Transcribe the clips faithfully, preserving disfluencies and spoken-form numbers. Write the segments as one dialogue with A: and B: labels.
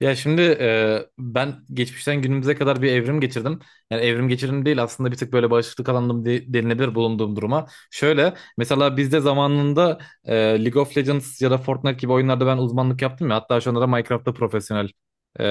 A: Ya şimdi e, ben geçmişten günümüze kadar bir evrim geçirdim. Yani evrim geçirdim değil aslında bir tık böyle bağışıklık alanım de, denilebilir bulunduğum duruma. Şöyle mesela bizde zamanında e, League of Legends ya da Fortnite gibi oyunlarda ben uzmanlık yaptım ya. Hatta şu anda da Minecraft'ta profesyonel e,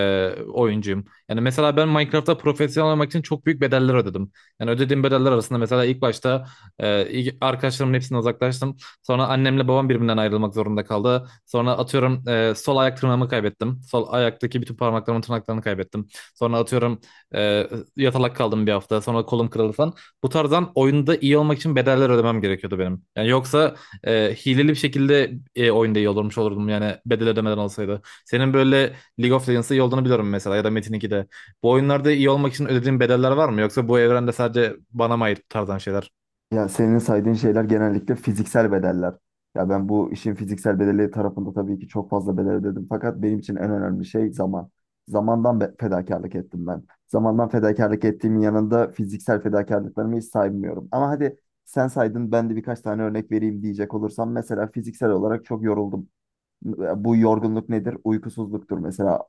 A: oyuncuyum. Yani mesela ben Minecraft'ta profesyonel olmak için çok büyük bedeller ödedim. Yani ödediğim bedeller arasında mesela ilk başta e, ilk- arkadaşlarımın hepsinden uzaklaştım. Sonra annemle babam birbirinden ayrılmak zorunda kaldı. Sonra atıyorum e, sol ayak tırnağımı kaybettim. Sol ayaktaki bütün parmaklarımın tırnaklarını kaybettim. Sonra atıyorum e, yatalak kaldım bir hafta. Sonra kolum kırıldı falan. Bu tarzdan oyunda iyi olmak için bedeller ödemem gerekiyordu benim. Yani yoksa e, hileli bir şekilde e, oyunda iyi olurmuş olurdum yani bedel ödemeden olsaydı. Senin böyle League of Legends'da iyi olduğunu biliyorum mesela ya da Metin iki'de. Bu oyunlarda iyi olmak için ödediğin bedeller var mı? Yoksa bu evrende sadece bana mı ait bu tarzdan şeyler?
B: Ya senin saydığın şeyler genellikle fiziksel bedeller. Ya ben bu işin fiziksel bedeli tarafında tabii ki çok fazla bedel ödedim. Fakat benim için en önemli şey zaman. Zamandan be- fedakarlık ettim ben. Zamandan fedakarlık ettiğimin yanında fiziksel fedakarlıklarımı hiç saymıyorum. Ama hadi sen saydın ben de birkaç tane örnek vereyim diyecek olursam mesela fiziksel olarak çok yoruldum. Bu yorgunluk nedir? Uykusuzluktur mesela.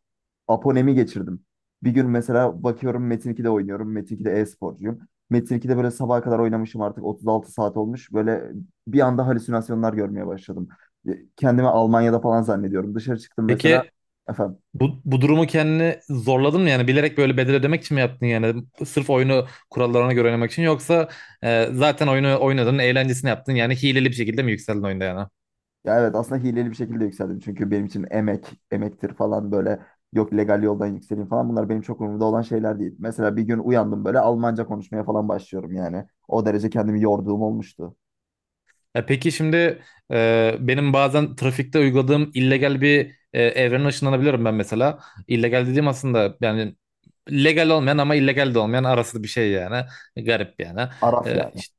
B: Aponemi geçirdim. Bir gün mesela bakıyorum Metin ikide oynuyorum. Metin ikide e-sporcuyum. Metin ikide böyle sabaha kadar oynamışım, artık otuz altı saat olmuş. Böyle bir anda halüsinasyonlar görmeye başladım. E, Kendimi Almanya'da falan zannediyorum. Dışarı çıktım mesela.
A: Peki
B: Efendim.
A: Bu, bu durumu kendini zorladın mı yani bilerek böyle bedel ödemek için mi yaptın yani sırf oyunu kurallarına göre oynamak için yoksa e, zaten oyunu oynadın eğlencesini yaptın yani hileli bir şekilde mi yükseldin oyunda yani?
B: Ya evet, aslında hileli bir şekilde yükseldim. Çünkü benim için emek, emektir falan böyle. Yok legal yoldan yükseleyim falan. Bunlar benim çok umurumda olan şeyler değil. Mesela bir gün uyandım, böyle Almanca konuşmaya falan başlıyorum yani. O derece kendimi yorduğum olmuştu.
A: E, peki şimdi e, benim bazen trafikte uyguladığım illegal bir e, evrene ışınlanabiliyorum ben mesela. İllegal dediğim aslında yani legal olmayan ama illegal de olmayan arası bir şey yani garip yani.
B: Araf
A: E,
B: yani.
A: işte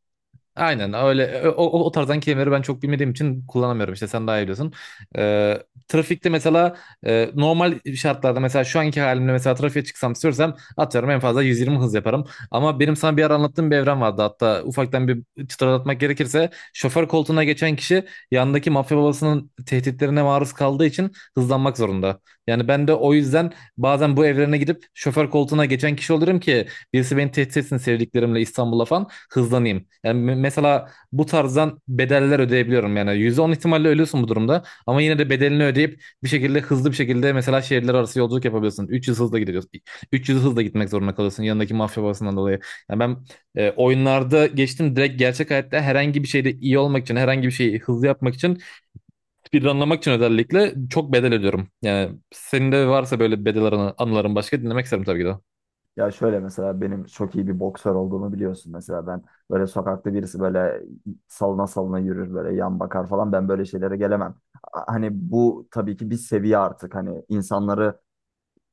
A: aynen öyle o, o o tarzdan kelimeleri ben çok bilmediğim için kullanamıyorum işte sen daha iyi biliyorsun. Ee, trafikte mesela e, normal şartlarda mesela şu anki halimle mesela trafiğe çıksam istiyorsam atıyorum en fazla yüz yirmi hız yaparım. Ama benim sana bir ara anlattığım bir evren vardı, hatta ufaktan bir çıtlatmak gerekirse şoför koltuğuna geçen kişi yandaki mafya babasının tehditlerine maruz kaldığı için hızlanmak zorunda. Yani ben de o yüzden bazen bu evrene gidip şoför koltuğuna geçen kişi olurum ki birisi beni tehdit etsin, sevdiklerimle İstanbul'a falan hızlanayım. Yani me- mesela bu tarzdan bedeller ödeyebiliyorum yani. Yüzde on ihtimalle ölüyorsun bu durumda. Ama yine de bedelini ödeyip bir şekilde hızlı bir şekilde mesela şehirler arası yolculuk yapabiliyorsun. üç yüz hızla gidiyorsun. üç yüz hızla gitmek zorunda kalıyorsun yanındaki mafya babasından dolayı. Yani ben e, oyunlarda geçtim, direkt gerçek hayatta herhangi bir şeyde iyi olmak için, herhangi bir şeyi hızlı yapmak için, bir anlamak için özellikle çok bedel ödüyorum. Yani senin de varsa böyle bedel anı- anıların başka, dinlemek isterim tabii ki de.
B: Ya şöyle, mesela benim çok iyi bir boksör olduğumu biliyorsun. Mesela ben böyle sokakta birisi böyle salına salına yürür, böyle yan bakar falan, ben böyle şeylere gelemem. A- Hani bu tabii ki bir seviye artık, hani insanları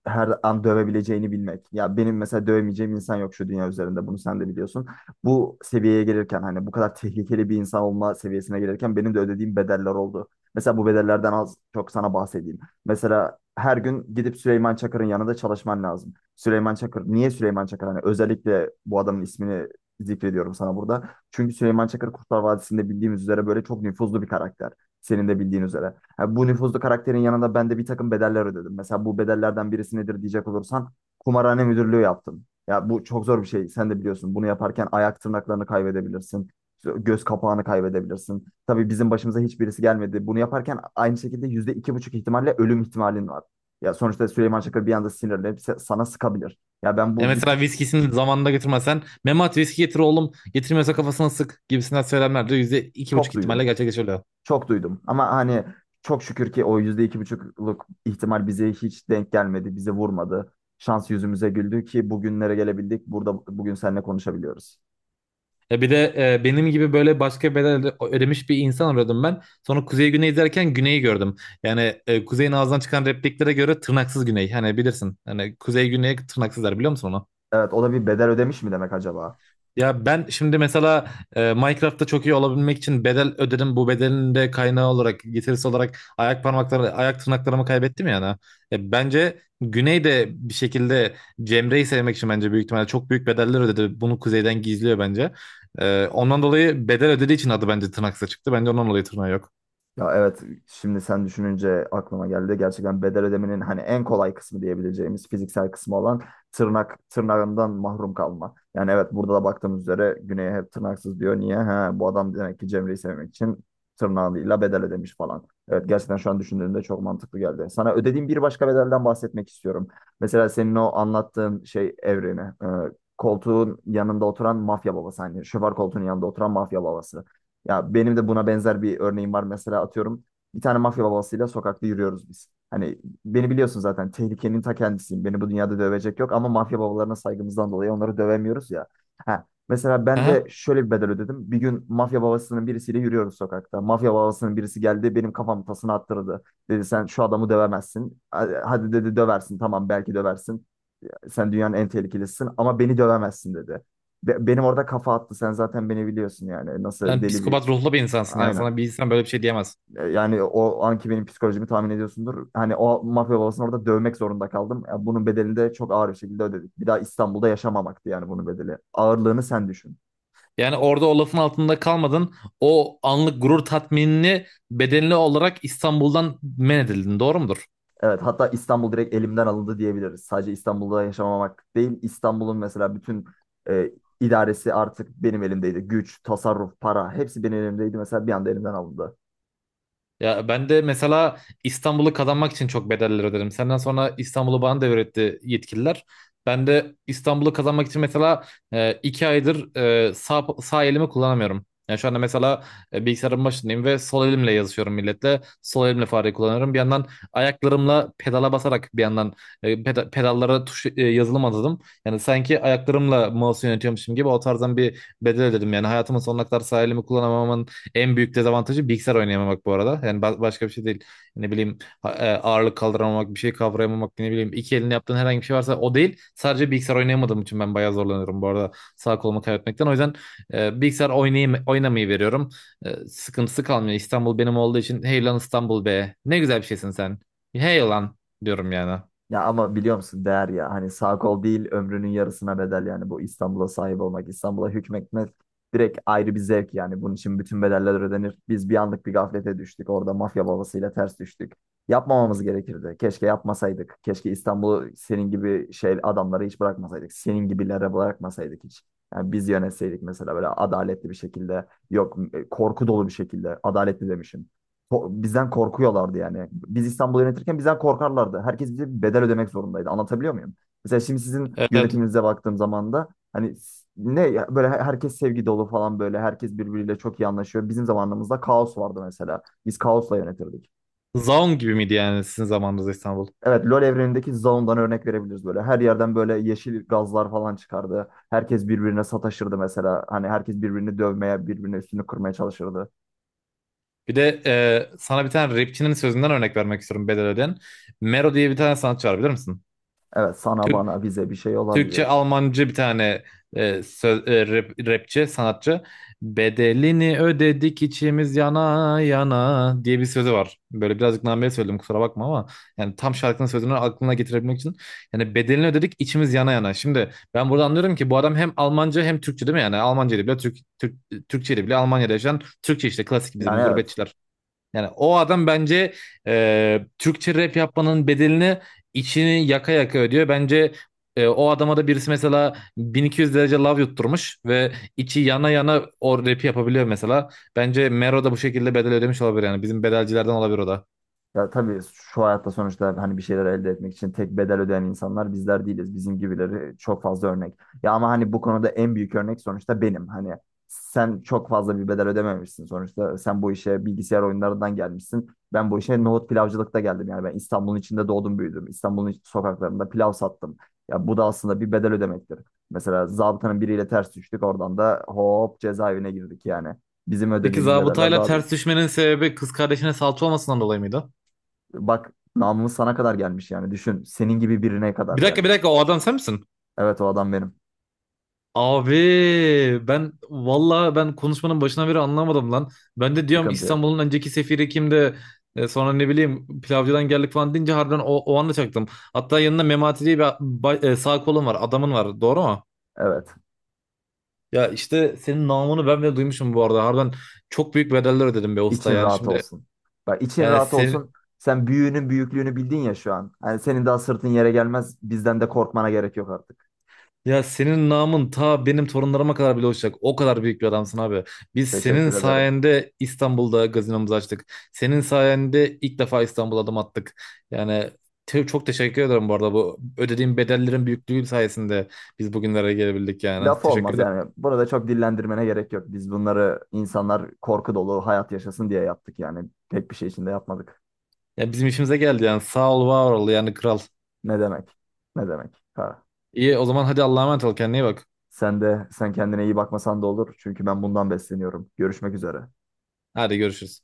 B: her an dövebileceğini bilmek. Ya benim mesela dövemeyeceğim insan yok şu dünya üzerinde, bunu sen de biliyorsun. Bu seviyeye gelirken hani bu kadar tehlikeli bir insan olma seviyesine gelirken benim de ödediğim bedeller oldu. Mesela bu bedellerden az çok sana bahsedeyim. Mesela her gün gidip Süleyman Çakır'ın yanında çalışman lazım. Süleyman Çakır, niye Süleyman Çakır? Hani özellikle bu adamın ismini zikrediyorum sana burada. Çünkü Süleyman Çakır Kurtlar Vadisi'nde bildiğimiz üzere böyle çok nüfuzlu bir karakter. Senin de bildiğin üzere. Ha, bu nüfuzlu karakterin yanında ben de bir takım bedeller ödedim. Mesela bu bedellerden birisi nedir diyecek olursan, kumarhane müdürlüğü yaptım. Ya bu çok zor bir şey. Sen de biliyorsun. Bunu yaparken ayak tırnaklarını kaybedebilirsin. Göz kapağını kaybedebilirsin. Tabii bizim başımıza hiçbirisi gelmedi. Bunu yaparken aynı şekilde yüzde iki buçuk ihtimalle ölüm ihtimalin var. Ya sonuçta Süleyman Çakır bir anda sinirlenip se- sana sıkabilir. Ya ben
A: Ya
B: bu bütün
A: mesela viskisini zamanında götürmezsen Memat, viski getir oğlum, getirmiyorsa kafasına sık gibisinden söylemler de yüzde iki
B: çok
A: buçuk
B: duydum.
A: ihtimalle gerçekleşiyor.
B: Çok duydum, ama hani çok şükür ki o yüzde iki buçukluk ihtimal bize hiç denk gelmedi, bize vurmadı. Şans yüzümüze güldü ki bugünlere gelebildik. Burada bugün seninle konuşabiliyoruz.
A: Ya bir de e, benim gibi böyle başka bedel öde- ödemiş bir insan arıyordum ben. Sonra Kuzey Güney izlerken Güney'i gördüm. Yani e, Kuzey'in ağzından çıkan repliklere göre tırnaksız Güney. Hani bilirsin. Hani Kuzey Güney tırnaksızlar, biliyor musun onu?
B: Evet, o da bir bedel ödemiş mi demek acaba?
A: Ya ben şimdi mesela e, Minecraft'ta çok iyi olabilmek için bedel ödedim. Bu bedelin de kaynağı olarak, getirisi olarak ayak parmakları, ayak tırnaklarımı kaybettim yani. E, bence Güney de bir şekilde Cemre'yi sevmek için bence büyük ihtimalle çok büyük bedeller ödedi. Bunu Kuzey'den gizliyor bence. E, ondan dolayı bedel ödediği için adı bence tırnaksa çıktı. Bence ondan dolayı tırnağı yok.
B: Ya evet, şimdi sen düşününce aklıma geldi. Gerçekten bedel ödemenin hani en kolay kısmı diyebileceğimiz fiziksel kısmı olan tırnak tırnağından mahrum kalma. Yani evet, burada da baktığımız üzere Güney'e hep tırnaksız diyor. Niye? Ha, bu adam demek ki Cemre'yi sevmek için tırnağıyla bedel ödemiş falan. Evet, gerçekten şu an düşündüğümde çok mantıklı geldi. Sana ödediğim bir başka bedelden bahsetmek istiyorum. Mesela senin o anlattığın şey evreni. E, koltuğun yanında oturan mafya babası. Hani şoför koltuğunun yanında oturan mafya babası. Ya benim de buna benzer bir örneğim var. Mesela atıyorum, bir tane mafya babasıyla sokakta yürüyoruz biz. Hani beni biliyorsun, zaten tehlikenin ta kendisiyim. Beni bu dünyada dövecek yok ama mafya babalarına saygımızdan dolayı onları dövemiyoruz ya. Ha, mesela ben de
A: Aha.
B: şöyle bir bedel ödedim. Bir gün mafya babasının birisiyle yürüyoruz sokakta. Mafya babasının birisi geldi benim kafamı tasına attırdı. Dedi sen şu adamı dövemezsin. Hadi hadi, dedi, döversin, tamam, belki döversin. Sen dünyanın en tehlikelisin, ama beni dövemezsin, dedi. Be- Benim orada kafa attı. Sen zaten beni biliyorsun yani. Nasıl
A: Yani
B: deli bir
A: psikopat ruhlu bir insansın yani.
B: Aynen.
A: Sana bir insan böyle bir şey diyemez.
B: E, Yani o anki benim psikolojimi tahmin ediyorsundur. Hani o mafya babasını orada dövmek zorunda kaldım. E, Bunun bedelini de çok ağır bir şekilde ödedik. Bir daha İstanbul'da yaşamamaktı yani bunun bedeli. Ağırlığını sen düşün.
A: Yani orada o lafın altında kalmadın. O anlık gurur tatminini bedenli olarak İstanbul'dan men edildin. Doğru mudur?
B: Evet, hatta İstanbul direkt elimden alındı diyebiliriz. Sadece İstanbul'da yaşamamak değil, İstanbul'un mesela bütün e, idaresi artık benim elimdeydi. Güç, tasarruf, para hepsi benim elimdeydi. Mesela bir anda elimden alındı.
A: Ya ben de mesela İstanbul'u kazanmak için çok bedeller öderim. Senden sonra İstanbul'u bana devretti yetkililer. Ben de İstanbul'u kazanmak için mesela e, iki aydır e, sağ, sağ elimi kullanamıyorum. Yani şu anda mesela e, bilgisayarın başındayım ve sol elimle yazışıyorum milletle. Sol elimle fareyi kullanıyorum. Bir yandan ayaklarımla pedala basarak, bir yandan e, peda- pedallara tuş e, yazılım adadım. Yani sanki ayaklarımla mouse yönetiyormuşum gibi o tarzdan bir bedel ödedim. Yani hayatımın sonuna kadar sağ elimi kullanamamamın en büyük dezavantajı bilgisayar oynayamamak bu arada. Yani ba- başka bir şey değil. Ne bileyim ha- e, ağırlık kaldıramamak, bir şey kavrayamamak, ne bileyim iki elini yaptığın herhangi bir şey varsa o değil. Sadece bilgisayar oynayamadığım için ben bayağı zorlanıyorum bu arada sağ kolumu kaybetmekten. O yüzden e, bilgisayar oynayayım, oynamayı veriyorum. E, sıkıntısı kalmıyor. İstanbul benim olduğu için hey lan İstanbul be. Ne güzel bir şeysin sen. Hey lan diyorum yani.
B: Ya ama biliyor musun, değer ya, hani sağ kol değil ömrünün yarısına bedel yani, bu İstanbul'a sahip olmak, İstanbul'a hükmetmek direkt ayrı bir zevk yani, bunun için bütün bedeller ödenir. Biz bir anlık bir gaflete düştük orada, mafya babasıyla ters düştük. Yapmamamız gerekirdi. Keşke yapmasaydık. Keşke İstanbul'u senin gibi şey adamları hiç bırakmasaydık. Senin gibilere bırakmasaydık hiç. Yani biz yönetseydik mesela böyle adaletli bir şekilde, yok e, korku dolu bir şekilde, adaletli demişim, ko- bizden korkuyorlardı yani. Biz İstanbul'u yönetirken bizden korkarlardı. Herkes bize bir bedel ödemek zorundaydı. Anlatabiliyor muyum? Mesela şimdi sizin
A: Evet, evet.
B: yönetiminize baktığım zaman da hani s- ne ya, böyle her- herkes sevgi dolu falan, böyle herkes birbiriyle çok iyi anlaşıyor. Bizim zamanımızda kaos vardı mesela. Biz kaosla yönetirdik.
A: Zaun gibi miydi yani sizin zamanınızda İstanbul?
B: Evet, LoL evrenindeki Zaun'dan örnek verebiliriz böyle. Her yerden böyle yeşil gazlar falan çıkardı. Herkes birbirine sataşırdı mesela. Hani herkes birbirini dövmeye, birbirine üstünü kırmaya çalışırdı.
A: Bir de e, sana bir tane rapçinin sözünden örnek vermek istiyorum bedel ödeyen. Mero diye bir tane sanatçı var, bilir misin?
B: Evet, sana
A: Tür-
B: bana bize bir şey
A: Türkçe,
B: olabilir.
A: Almancı bir tane e, söz, e, rap- rapçi, sanatçı. Bedelini ödedik içimiz yana yana diye bir sözü var. Böyle birazcık nameye söyledim, kusura bakma ama yani tam şarkının sözünü aklına getirebilmek için. Yani bedelini ödedik içimiz yana yana. Şimdi ben burada anlıyorum ki bu adam hem Almanca hem Türkçe, değil mi yani? Almanca ile bile Türk, Türk, Türkçe ile bile Almanya'da yaşayan Türkçe işte klasik
B: Yani
A: bizim
B: evet.
A: gurbetçiler. Yani o adam bence e, Türkçe rap yapmanın bedelini içini yaka yaka ödüyor. Bence e, o adama da birisi mesela bin iki yüz derece love yutturmuş ve içi yana yana o rapi yapabiliyor mesela. Bence Mero da bu şekilde bedel ödemiş olabilir yani. Bizim bedelcilerden olabilir o da.
B: Ya tabii şu hayatta sonuçta hani bir şeyler elde etmek için tek bedel ödeyen insanlar bizler değiliz. Bizim gibileri çok fazla örnek. Ya ama hani bu konuda en büyük örnek sonuçta benim. Hani sen çok fazla bir bedel ödememişsin sonuçta. Sen bu işe bilgisayar oyunlarından gelmişsin. Ben bu işe nohut pilavcılıkta geldim. Yani ben İstanbul'un içinde doğdum, büyüdüm. İstanbul'un iç- sokaklarında pilav sattım. Ya bu da aslında bir bedel ödemektir. Mesela zabıtanın biriyle ters düştük. Oradan da hop cezaevine girdik yani. Bizim
A: Peki
B: ödediğimiz bedeller
A: zabıtayla
B: daha
A: ters
B: büyük.
A: düşmenin sebebi kız kardeşine salça olmasından dolayı mıydı?
B: Bak namımız sana kadar gelmiş yani. Düşün, senin gibi birine kadar
A: Bir dakika, bir
B: gelmiş.
A: dakika, o adam sen misin?
B: Evet, o adam benim.
A: Abi ben valla ben konuşmanın başına beri anlamadım lan. Ben de diyorum
B: Sıkıntı yok.
A: İstanbul'un önceki sefiri kimdi? E, sonra ne bileyim pilavcıdan geldik falan deyince harbiden o, o anda çaktım. Hatta yanında Memati diye bir ba- e, sağ kolun var adamın var, doğru mu?
B: Evet.
A: Ya işte senin namını ben bile duymuşum bu arada. Harbiden çok büyük bedeller ödedim be usta
B: İçin
A: yani.
B: rahat
A: Şimdi
B: olsun. Bak için
A: e,
B: rahat
A: sen-
B: olsun. Sen büyüğünün büyüklüğünü bildin ya şu an. Yani senin daha sırtın yere gelmez. Bizden de korkmana gerek yok artık.
A: ya senin namın ta benim torunlarıma kadar bile uçacak. O kadar büyük bir adamsın abi. Biz senin
B: Teşekkür ederim.
A: sayende İstanbul'da gazinomuzu açtık. Senin sayende ilk defa İstanbul'a adım attık. Yani te- çok teşekkür ederim bu arada. Bu ödediğim bedellerin büyüklüğü sayesinde biz bugünlere gelebildik yani.
B: Laf
A: Teşekkür
B: olmaz
A: ederim.
B: yani. Bunu da çok dillendirmene gerek yok. Biz bunları insanlar korku dolu hayat yaşasın diye yaptık yani. Pek bir şey için de yapmadık.
A: Ya bizim işimize geldi yani. Sağ ol, var ol yani kral.
B: Ne demek? Ne demek? Ha.
A: İyi o zaman, hadi Allah'a emanet ol, kendine iyi bak.
B: Sen de sen kendine iyi bakmasan da olur. Çünkü ben bundan besleniyorum. Görüşmek üzere.
A: Hadi görüşürüz.